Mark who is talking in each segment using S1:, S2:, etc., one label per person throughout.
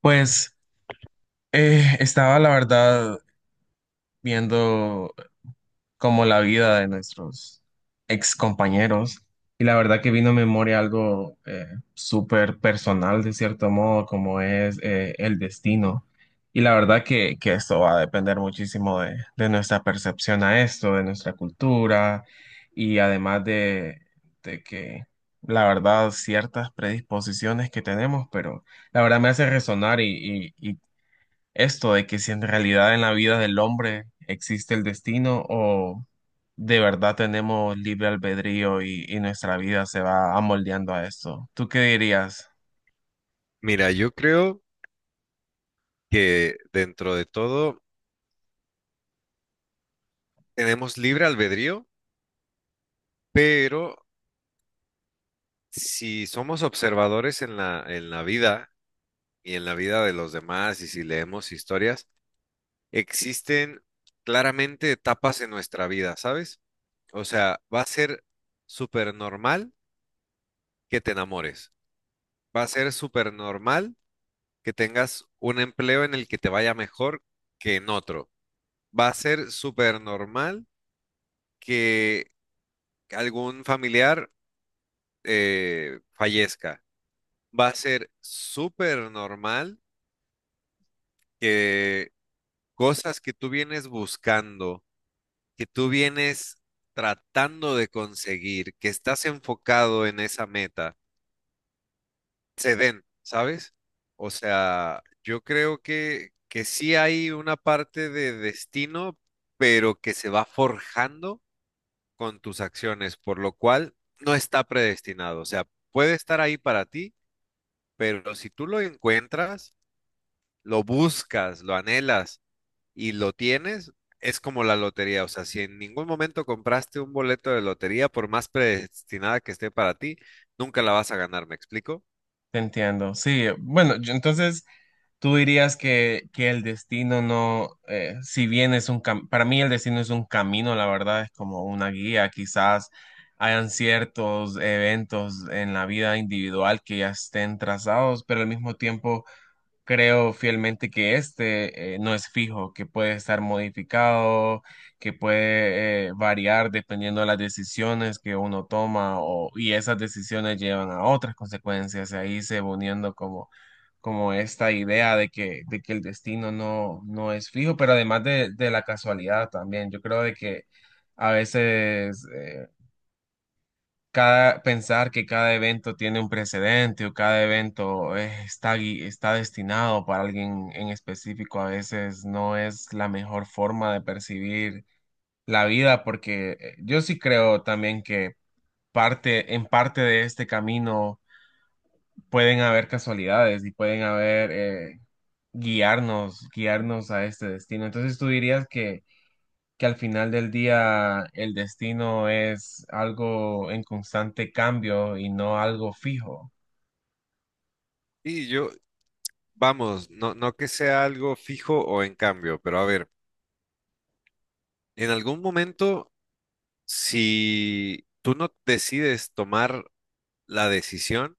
S1: Pues estaba la verdad viendo como la vida de nuestros ex compañeros y la verdad que vino a memoria algo súper personal de cierto modo como es el destino, y la verdad que esto va a depender muchísimo de nuestra percepción a esto, de nuestra cultura y además de que la verdad ciertas predisposiciones que tenemos, pero la verdad me hace resonar esto de que si en realidad en la vida del hombre existe el destino, o de verdad tenemos libre albedrío y nuestra vida se va amoldeando a esto. ¿Tú qué dirías?
S2: Mira, yo creo que dentro de todo tenemos libre albedrío, pero si somos observadores en la vida y en la vida de los demás y si leemos historias, existen claramente etapas en nuestra vida, ¿sabes? O sea, va a ser súper normal que te enamores, va a ser súper normal que tengas un empleo en el que te vaya mejor que en otro, va a ser súper normal que algún familiar fallezca. Va a ser súper normal que cosas que tú vienes buscando, que tú vienes tratando de conseguir, que estás enfocado en esa meta, se den, ¿sabes? O sea, yo creo que sí hay una parte de destino, pero que se va forjando con tus acciones, por lo cual no está predestinado. O sea, puede estar ahí para ti, pero si tú lo encuentras, lo buscas, lo anhelas y lo tienes, es como la lotería. O sea, si en ningún momento compraste un boleto de lotería, por más predestinada que esté para ti, nunca la vas a ganar, ¿me explico?
S1: Te entiendo. Sí, bueno, entonces tú dirías que el destino no, si bien es un para mí el destino es un camino, la verdad, es como una guía, quizás. Hayan ciertos eventos en la vida individual que ya estén trazados, pero al mismo tiempo creo fielmente que este no es fijo, que puede estar modificado, que puede variar dependiendo de las decisiones que uno toma, o, y esas decisiones llevan a otras consecuencias. Y ahí se va uniendo como, como esta idea de que el destino no, no es fijo, pero además de la casualidad también. Yo creo de que a veces cada, pensar que cada evento tiene un precedente, o cada evento está, está destinado para alguien en específico, a veces no es la mejor forma de percibir la vida, porque yo sí creo también que parte, en parte de este camino pueden haber casualidades y pueden haber, guiarnos, guiarnos a este destino. Entonces tú dirías que al final del día el destino es algo en constante cambio y no algo fijo.
S2: Y yo, vamos, no, no que sea algo fijo o en cambio, pero a ver, en algún momento, si tú no decides tomar la decisión,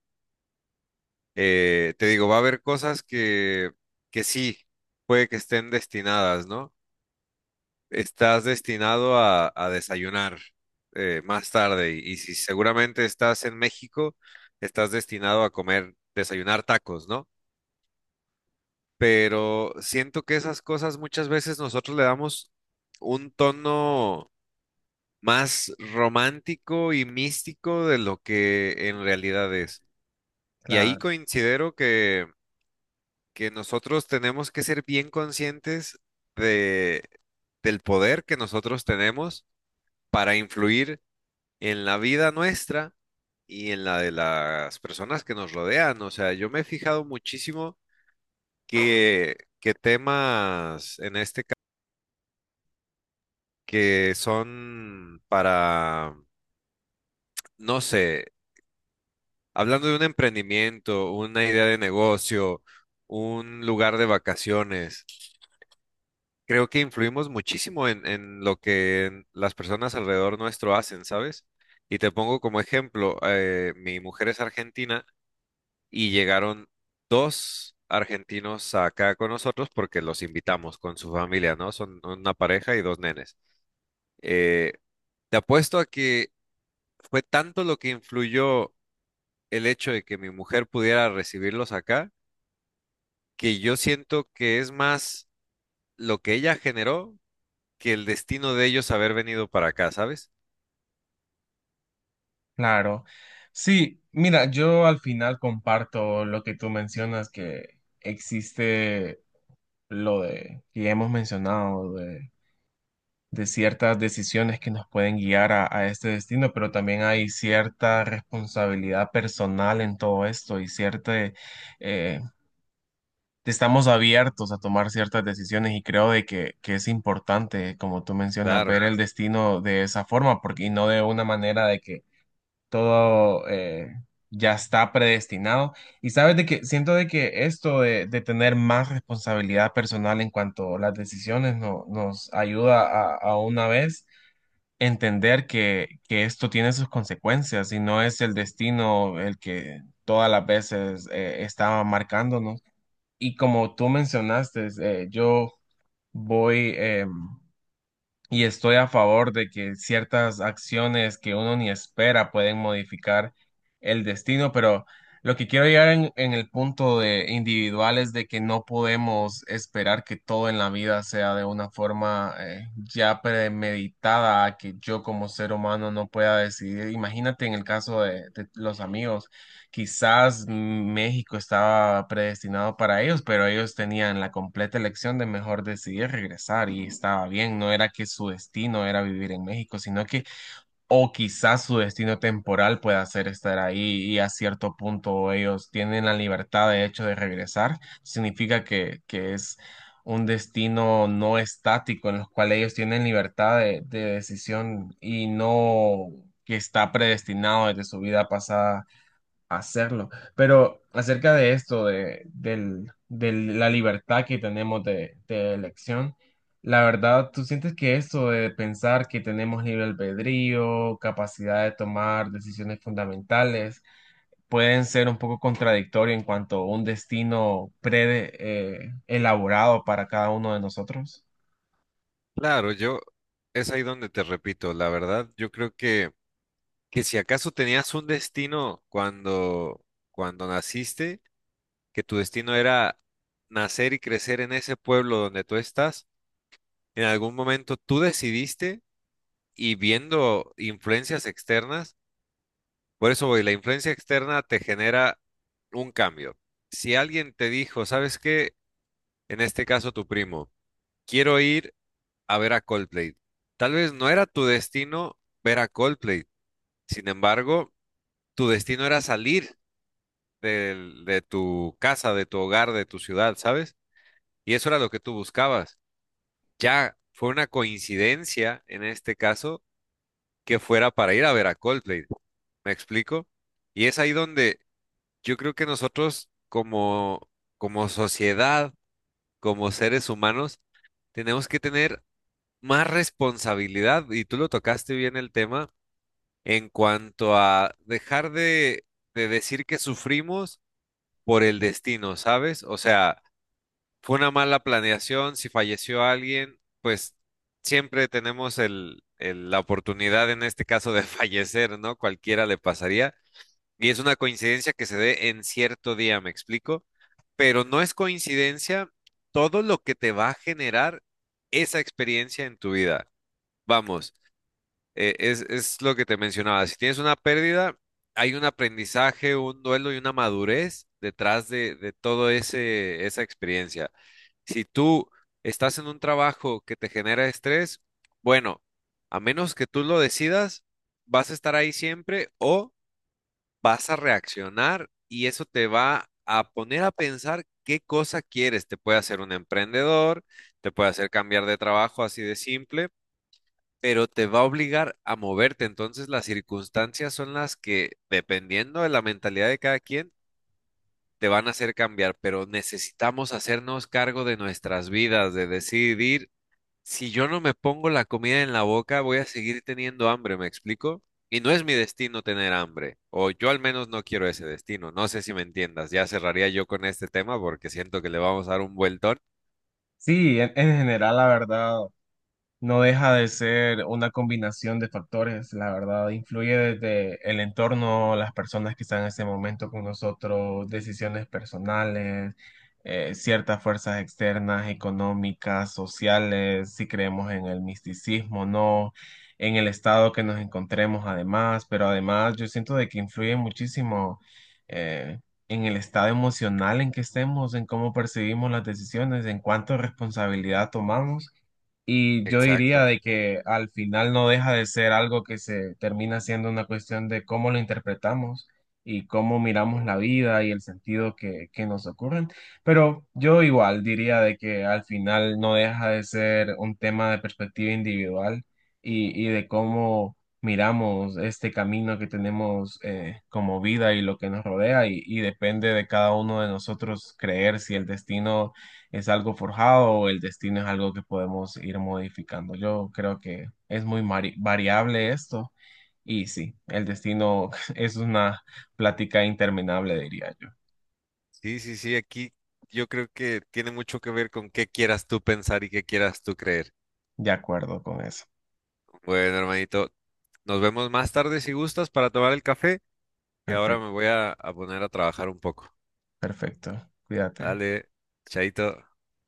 S2: te digo, va a haber cosas que sí, puede que estén destinadas, ¿no? Estás destinado a desayunar más tarde y si seguramente estás en México, estás destinado a comer, desayunar tacos, ¿no? Pero siento que esas cosas muchas veces nosotros le damos un tono más romántico y místico de lo que en realidad es. Y ahí
S1: Claro,
S2: considero que nosotros tenemos que ser bien conscientes de, del poder que nosotros tenemos para influir en la vida nuestra y en la de las personas que nos rodean. O sea, yo me he fijado muchísimo que temas en este caso que son para, no sé, hablando de un emprendimiento, una idea de negocio, un lugar de vacaciones, creo que influimos muchísimo en lo que las personas alrededor nuestro hacen, ¿sabes? Y te pongo como ejemplo, mi mujer es argentina y llegaron dos argentinos acá con nosotros porque los invitamos con su familia, ¿no? Son una pareja y dos nenes. Eh, Te apuesto a que fue tanto lo que influyó el hecho de que mi mujer pudiera recibirlos acá, que yo siento que es más lo que ella generó que el destino de ellos haber venido para acá, ¿sabes?
S1: claro. Sí, mira, yo al final comparto lo que tú mencionas, que existe lo de que ya hemos mencionado de ciertas decisiones que nos pueden guiar a este destino, pero también hay cierta responsabilidad personal en todo esto y cierta, eh, estamos abiertos a tomar ciertas decisiones, y creo de que es importante, como tú mencionas,
S2: Claro,
S1: ver el destino de esa forma, porque y no de una manera de que todo... ya está predestinado. Y sabes de que siento de que esto de tener más responsabilidad personal en cuanto a las decisiones nos ayuda a una vez entender que esto tiene sus consecuencias y no es el destino el que todas las veces está marcándonos. Y como tú mencionaste, yo voy... em, y estoy a favor de que ciertas acciones que uno ni espera pueden modificar el destino, pero lo que quiero llegar en el punto de individual es de que no podemos esperar que todo en la vida sea de una forma ya premeditada, que yo como ser humano no pueda decidir. Imagínate en el caso de los amigos, quizás México estaba predestinado para ellos, pero ellos tenían la completa elección de mejor decidir regresar, y estaba bien, no era que su destino era vivir en México, sino que, o quizás su destino temporal pueda ser estar ahí, y a cierto punto ellos tienen la libertad de hecho de regresar, significa que es un destino no estático en los cuales ellos tienen libertad de decisión y no que está predestinado desde su vida pasada hacerlo. Pero acerca de esto, de la libertad que tenemos de elección, la verdad, ¿tú sientes que esto de pensar que tenemos libre albedrío, capacidad de tomar decisiones fundamentales, pueden ser un poco contradictorio en cuanto a un destino pre, elaborado para cada uno de nosotros?
S2: claro, yo es ahí donde te repito, la verdad, yo creo que si acaso tenías un destino cuando, cuando naciste, que tu destino era nacer y crecer en ese pueblo donde tú estás, en algún momento tú decidiste y viendo influencias externas, por eso voy, la influencia externa te genera un cambio. Si alguien te dijo, ¿sabes qué? En este caso tu primo, quiero ir a ver a Coldplay. Tal vez no era tu destino ver a Coldplay, sin embargo, tu destino era salir del- de tu casa, de tu hogar, de tu ciudad, ¿sabes? Y eso era lo que tú buscabas. Ya fue una coincidencia en este caso que fuera para ir a ver a Coldplay, ¿me explico? Y es ahí donde yo creo que nosotros como, como sociedad, como seres humanos, tenemos que tener más responsabilidad, y tú lo tocaste bien el tema, en cuanto a dejar de decir que sufrimos por el destino, ¿sabes? O sea, fue una mala planeación, si falleció alguien, pues siempre tenemos el- la oportunidad en este caso de fallecer, ¿no? Cualquiera le pasaría. Y es una coincidencia que se dé en cierto día, ¿me explico? Pero no es coincidencia todo lo que te va a generar esa experiencia en tu vida. Vamos es lo que te mencionaba. Si tienes una pérdida, hay un aprendizaje, un duelo y una madurez detrás de todo ese, esa experiencia. Si tú estás en un trabajo que te genera estrés, bueno, a menos que tú lo decidas, vas a estar ahí siempre o vas a reaccionar y eso te va a poner a pensar qué cosa quieres. Te puede hacer un emprendedor, te puede hacer cambiar de trabajo así de simple, pero te va a obligar a moverte. Entonces las circunstancias son las que, dependiendo de la mentalidad de cada quien, te van a hacer cambiar, pero necesitamos hacernos cargo de nuestras vidas, de decidir, si yo no me pongo la comida en la boca, voy a seguir teniendo hambre, ¿me explico? Y no es mi destino tener hambre, o yo al menos no quiero ese destino, no sé si me entiendas, ya cerraría yo con este tema porque siento que le vamos a dar un vueltón.
S1: Sí, en general, la verdad. No deja de ser una combinación de factores, la verdad, influye desde el entorno, las personas que están en ese momento con nosotros, decisiones personales, ciertas fuerzas externas, económicas, sociales, si creemos en el misticismo, no, en el estado que nos encontremos además, pero además yo siento de que influye muchísimo eh, en el estado emocional en que estemos, en cómo percibimos las decisiones, en cuánta responsabilidad tomamos. Y yo
S2: Exacto.
S1: diría de que al final no deja de ser algo que se termina siendo una cuestión de cómo lo interpretamos y cómo miramos la vida y el sentido que nos ocurren. Pero yo igual diría de que al final no deja de ser un tema de perspectiva individual y de cómo miramos este camino que tenemos como vida y lo que nos rodea, y depende de cada uno de nosotros creer si el destino es algo forjado, o el destino es algo que podemos ir modificando. Yo creo que es muy variable esto, y sí, el destino es una plática interminable, diría yo.
S2: Sí, sí, sí, aquí yo creo que tiene mucho que ver con qué quieras tú pensar y qué quieras tú creer.
S1: De acuerdo con eso.
S2: Bueno, hermanito, nos vemos más tarde si gustas para tomar el café y ahora
S1: Perfecto,
S2: me voy a poner a trabajar un poco.
S1: perfecto. Cuídate.
S2: Dale, chaito.